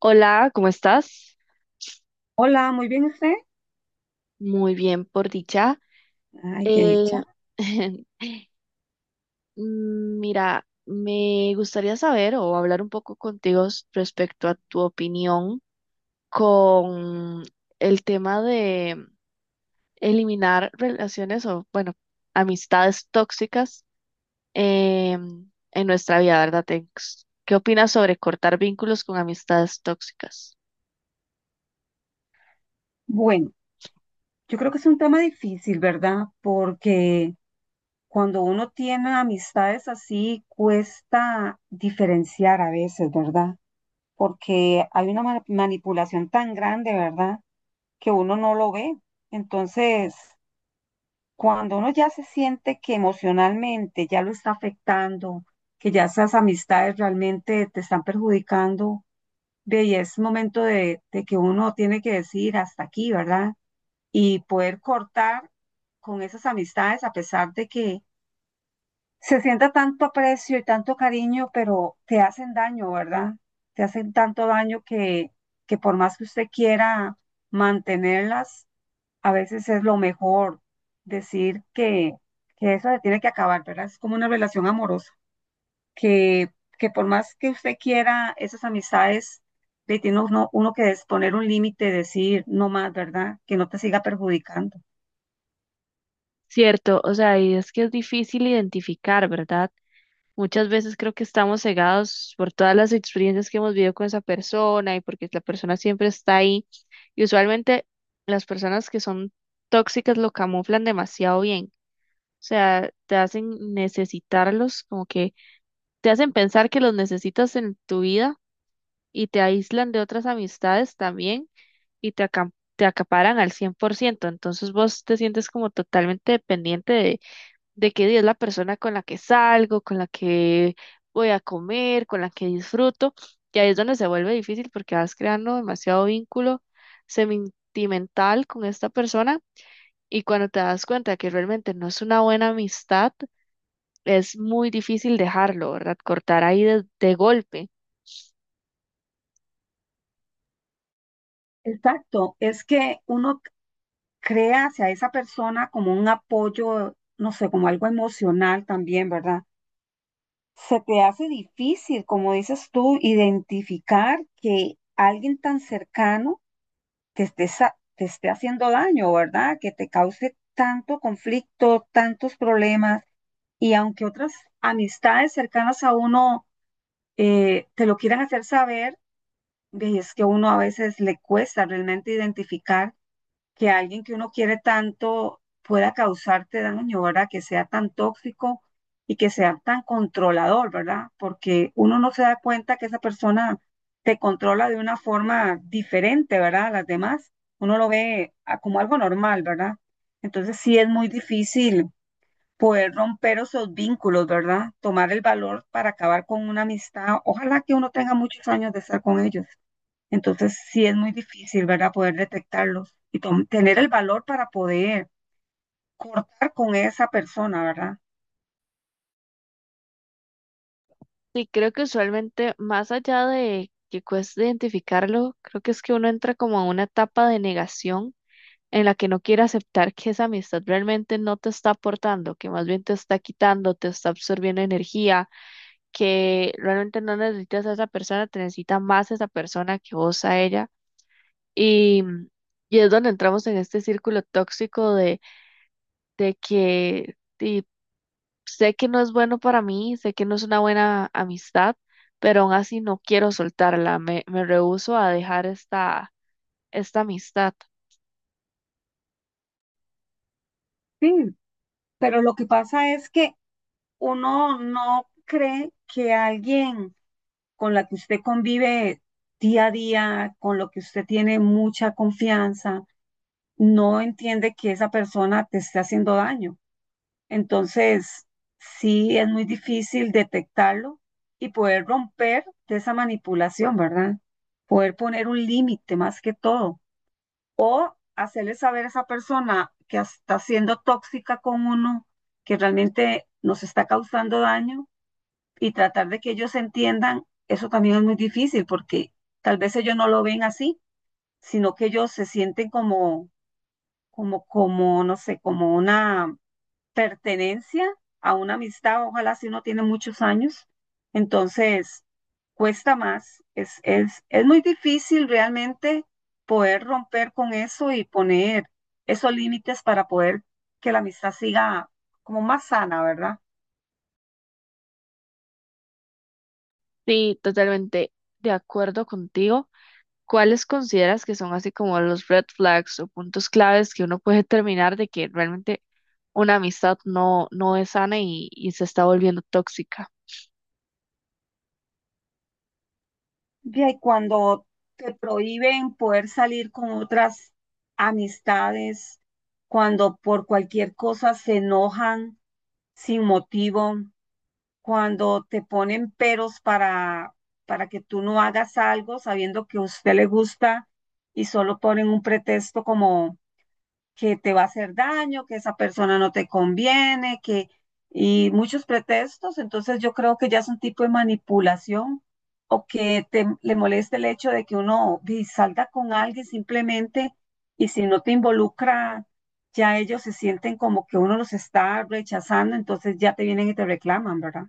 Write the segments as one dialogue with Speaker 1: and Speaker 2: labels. Speaker 1: Hola, ¿cómo estás?
Speaker 2: Hola, muy bien usted.
Speaker 1: Muy bien, por dicha.
Speaker 2: Ay, qué
Speaker 1: Eh,
Speaker 2: dicha.
Speaker 1: mira, me gustaría saber o hablar un poco contigo respecto a tu opinión con el tema de eliminar relaciones o, bueno, amistades tóxicas en nuestra vida, ¿verdad? ¿Tex? ¿Qué opinas sobre cortar vínculos con amistades tóxicas?
Speaker 2: Bueno, yo creo que es un tema difícil, ¿verdad? Porque cuando uno tiene amistades así, cuesta diferenciar a veces, ¿verdad? Porque hay una manipulación tan grande, ¿verdad? Que uno no lo ve. Entonces, cuando uno ya se siente que emocionalmente ya lo está afectando, que ya esas amistades realmente te están perjudicando, ve, y es momento de que uno tiene que decir hasta aquí, ¿verdad? Y poder cortar con esas amistades a pesar de que se sienta tanto aprecio y tanto cariño, pero te hacen daño, ¿verdad? Te hacen tanto daño que por más que usted quiera mantenerlas, a veces es lo mejor decir que eso se tiene que acabar, ¿verdad? Es como una relación amorosa, que, que por más que usted quiera esas amistades, le tiene uno que poner un límite, decir no más, ¿verdad? Que no te siga perjudicando.
Speaker 1: Cierto, o sea, y es que es difícil identificar, ¿verdad? Muchas veces creo que estamos cegados por todas las experiencias que hemos vivido con esa persona y porque la persona siempre está ahí. Y usualmente las personas que son tóxicas lo camuflan demasiado bien. O sea, te hacen necesitarlos, como que te hacen pensar que los necesitas en tu vida y te aíslan de otras amistades también y te acaparan al 100%. Entonces vos te sientes como totalmente dependiente de que es la persona con la que salgo, con la que voy a comer, con la que disfruto. Y ahí es donde se vuelve difícil porque vas creando demasiado vínculo sentimental con esta persona y cuando te das cuenta que realmente no es una buena amistad, es muy difícil dejarlo, ¿verdad? Cortar ahí de golpe.
Speaker 2: Exacto, es que uno crea hacia esa persona como un apoyo, no sé, como algo emocional también, ¿verdad? Se te hace difícil, como dices tú, identificar que alguien tan cercano te te esté haciendo daño, ¿verdad? Que te cause tanto conflicto, tantos problemas, y aunque otras amistades cercanas a uno te lo quieran hacer saber, ve, es que uno a veces le cuesta realmente identificar que alguien que uno quiere tanto pueda causarte daño, ¿verdad? Que sea tan tóxico y que sea tan controlador, ¿verdad? Porque uno no se da cuenta que esa persona te controla de una forma diferente, ¿verdad? A las demás, uno lo ve como algo normal, ¿verdad? Entonces sí es muy difícil poder romper esos vínculos, ¿verdad? Tomar el valor para acabar con una amistad. Ojalá que uno tenga muchos años de estar con ellos. Entonces sí es muy difícil, ¿verdad? Poder detectarlos y tener el valor para poder cortar con esa persona, ¿verdad?
Speaker 1: Sí, creo que usualmente, más allá de que cueste identificarlo, creo que es que uno entra como a una etapa de negación en la que no quiere aceptar que esa amistad realmente no te está aportando, que más bien te está quitando, te está absorbiendo energía, que realmente no necesitas a esa persona, te necesita más esa persona que vos a ella. Y, y es donde entramos en este círculo tóxico de que sé que no es bueno para mí, sé que no es una buena amistad, pero aún así no quiero soltarla, me rehúso a dejar esta amistad.
Speaker 2: Sí, pero lo que pasa es que uno no cree que alguien con la que usted convive día a día, con lo que usted tiene mucha confianza, no entiende que esa persona te está haciendo daño. Entonces, sí es muy difícil detectarlo y poder romper de esa manipulación, ¿verdad? Poder poner un límite más que todo, hacerle saber a esa persona que está siendo tóxica con uno, que realmente nos está causando daño y tratar de que ellos entiendan, eso también es muy difícil porque tal vez ellos no lo ven así, sino que ellos se sienten como, no sé, como una pertenencia a una amistad, ojalá si uno tiene muchos años, entonces cuesta más, es muy difícil realmente poder romper con eso y poner esos límites para poder que la amistad siga como más sana, ¿verdad?
Speaker 1: Sí, totalmente de acuerdo contigo. ¿Cuáles consideras que son así como los red flags o puntos claves que uno puede determinar de que realmente una amistad no es sana y se está volviendo tóxica?
Speaker 2: Ya. Y cuando te prohíben poder salir con otras amistades, cuando por cualquier cosa se enojan sin motivo, cuando te ponen peros para que tú no hagas algo sabiendo que a usted le gusta y solo ponen un pretexto como que te va a hacer daño, que esa persona no te conviene, que y muchos pretextos, entonces yo creo que ya es un tipo de manipulación o que te, le moleste el hecho de que uno di, salga con alguien simplemente y si no te involucra, ya ellos se sienten como que uno los está rechazando, entonces ya te vienen y te reclaman, ¿verdad?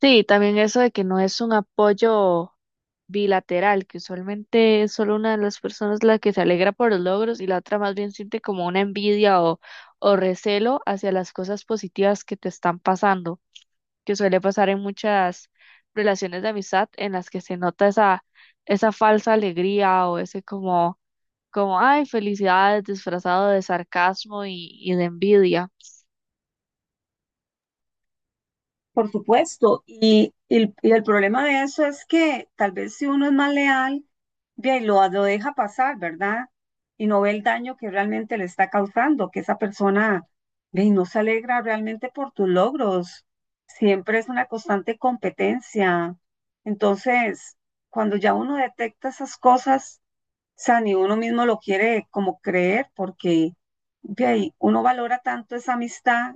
Speaker 1: Sí, también eso de que no es un apoyo bilateral, que usualmente es solo una de las personas la que se alegra por los logros y la otra más bien siente como una envidia o recelo hacia las cosas positivas que te están pasando, que suele pasar en muchas relaciones de amistad en las que se nota esa falsa alegría o ese ay, felicidades disfrazado de sarcasmo y de envidia.
Speaker 2: Por supuesto, y el problema de eso es que tal vez si uno es más leal, bien, lo deja pasar, ¿verdad? Y no ve el daño que realmente le está causando, que esa persona bien, no se alegra realmente por tus logros. Siempre es una constante competencia. Entonces, cuando ya uno detecta esas cosas, o sea, ni uno mismo lo quiere como creer porque ve ahí, uno valora tanto esa amistad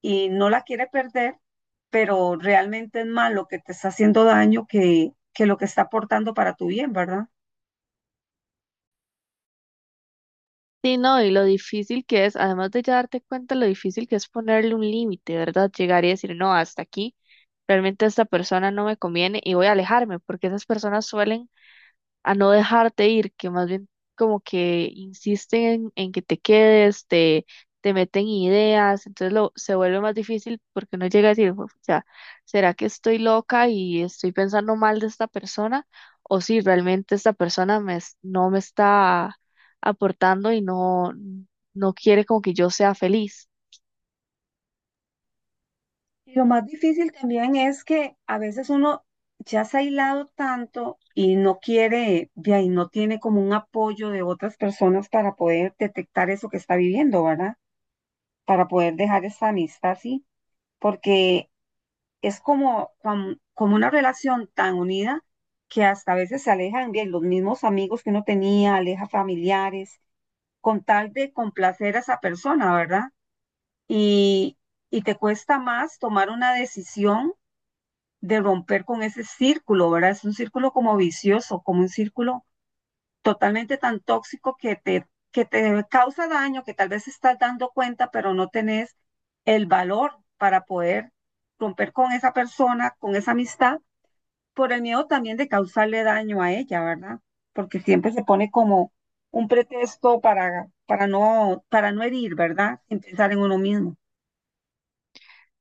Speaker 2: y no la quiere perder, pero realmente es más lo que te está haciendo daño que lo que está aportando para tu bien, ¿verdad?
Speaker 1: Sí, no, y lo difícil que es, además de ya darte cuenta lo difícil que es ponerle un límite, ¿verdad? Llegar y decir, no, hasta aquí realmente esta persona no me conviene y voy a alejarme, porque esas personas suelen a no dejarte ir, que más bien como que insisten en que te quedes, te meten ideas, entonces lo, se vuelve más difícil porque uno llega a decir, o sea, ¿será que estoy loca y estoy pensando mal de esta persona? O si realmente esta persona no me está aportando y no quiere como que yo sea feliz.
Speaker 2: Y lo más difícil también es que a veces uno ya se ha aislado tanto y no quiere, de ahí no tiene como un apoyo de otras personas para poder detectar eso que está viviendo, ¿verdad? Para poder dejar esa amistad así, porque es como una relación tan unida que hasta a veces se alejan bien los mismos amigos que uno tenía, aleja familiares, con tal de complacer a esa persona, ¿verdad? Y, y te cuesta más tomar una decisión de romper con ese círculo, ¿verdad? Es un círculo como vicioso, como un círculo totalmente tan tóxico que te causa daño, que tal vez estás dando cuenta, pero no tenés el valor para poder romper con esa persona, con esa amistad por el miedo también de causarle daño a ella, ¿verdad? Porque siempre se pone como un pretexto para no herir, ¿verdad? Sin pensar en uno mismo.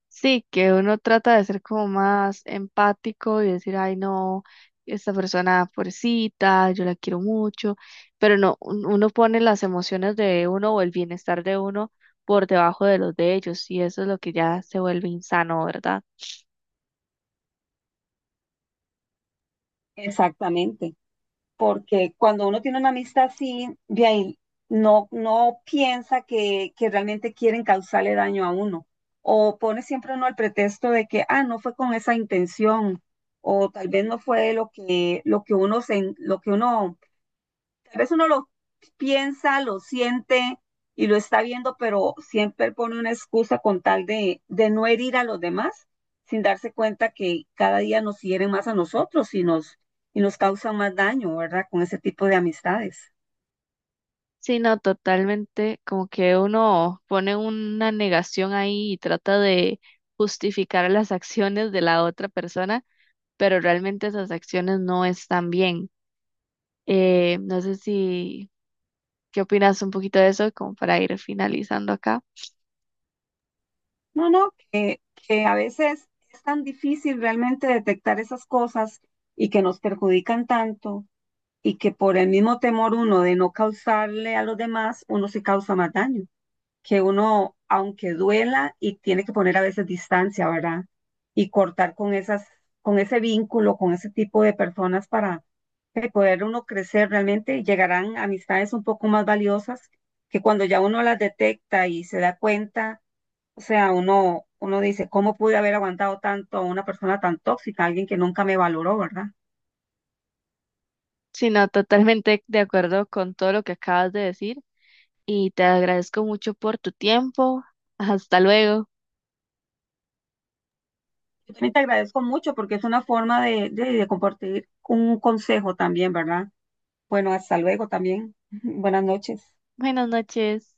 Speaker 1: Sí, que uno trata de ser como más empático y decir, ay, no, esta persona pobrecita, yo la quiero mucho, pero no, uno pone las emociones de uno o el bienestar de uno por debajo de los de ellos y eso es lo que ya se vuelve insano, ¿verdad?
Speaker 2: Exactamente. Porque cuando uno tiene una amistad así, de ahí no piensa que realmente quieren causarle daño a uno. O pone siempre uno el pretexto de que, ah, no fue con esa intención, o tal vez no fue lo que uno a veces uno lo piensa, lo siente y lo está viendo, pero siempre pone una excusa con tal de no herir a los demás, sin darse cuenta que cada día nos hieren más a nosotros y nos causan más daño, ¿verdad? Con ese tipo de amistades.
Speaker 1: Sí, no, totalmente, como que uno pone una negación ahí y trata de justificar las acciones de la otra persona, pero realmente esas acciones no están bien. No sé si ¿qué opinas un poquito de eso, como para ir finalizando acá?
Speaker 2: No, no, que a veces es tan difícil realmente detectar esas cosas y que nos perjudican tanto y que por el mismo temor uno de no causarle a los demás, uno se causa más daño. Que uno, aunque duela, y tiene que poner a veces distancia, ¿verdad? Y cortar con esas, con ese vínculo, con ese tipo de personas para poder uno crecer realmente, llegarán amistades un poco más valiosas que cuando ya uno las detecta y se da cuenta, o sea, uno dice, ¿cómo pude haber aguantado tanto a una persona tan tóxica, alguien que nunca me valoró, ¿verdad?
Speaker 1: Sino totalmente de acuerdo con todo lo que acabas de decir y te agradezco mucho por tu tiempo. Hasta luego.
Speaker 2: Yo también te agradezco mucho porque es una forma de compartir un consejo también, ¿verdad? Bueno, hasta luego también. Buenas noches.
Speaker 1: Buenas noches.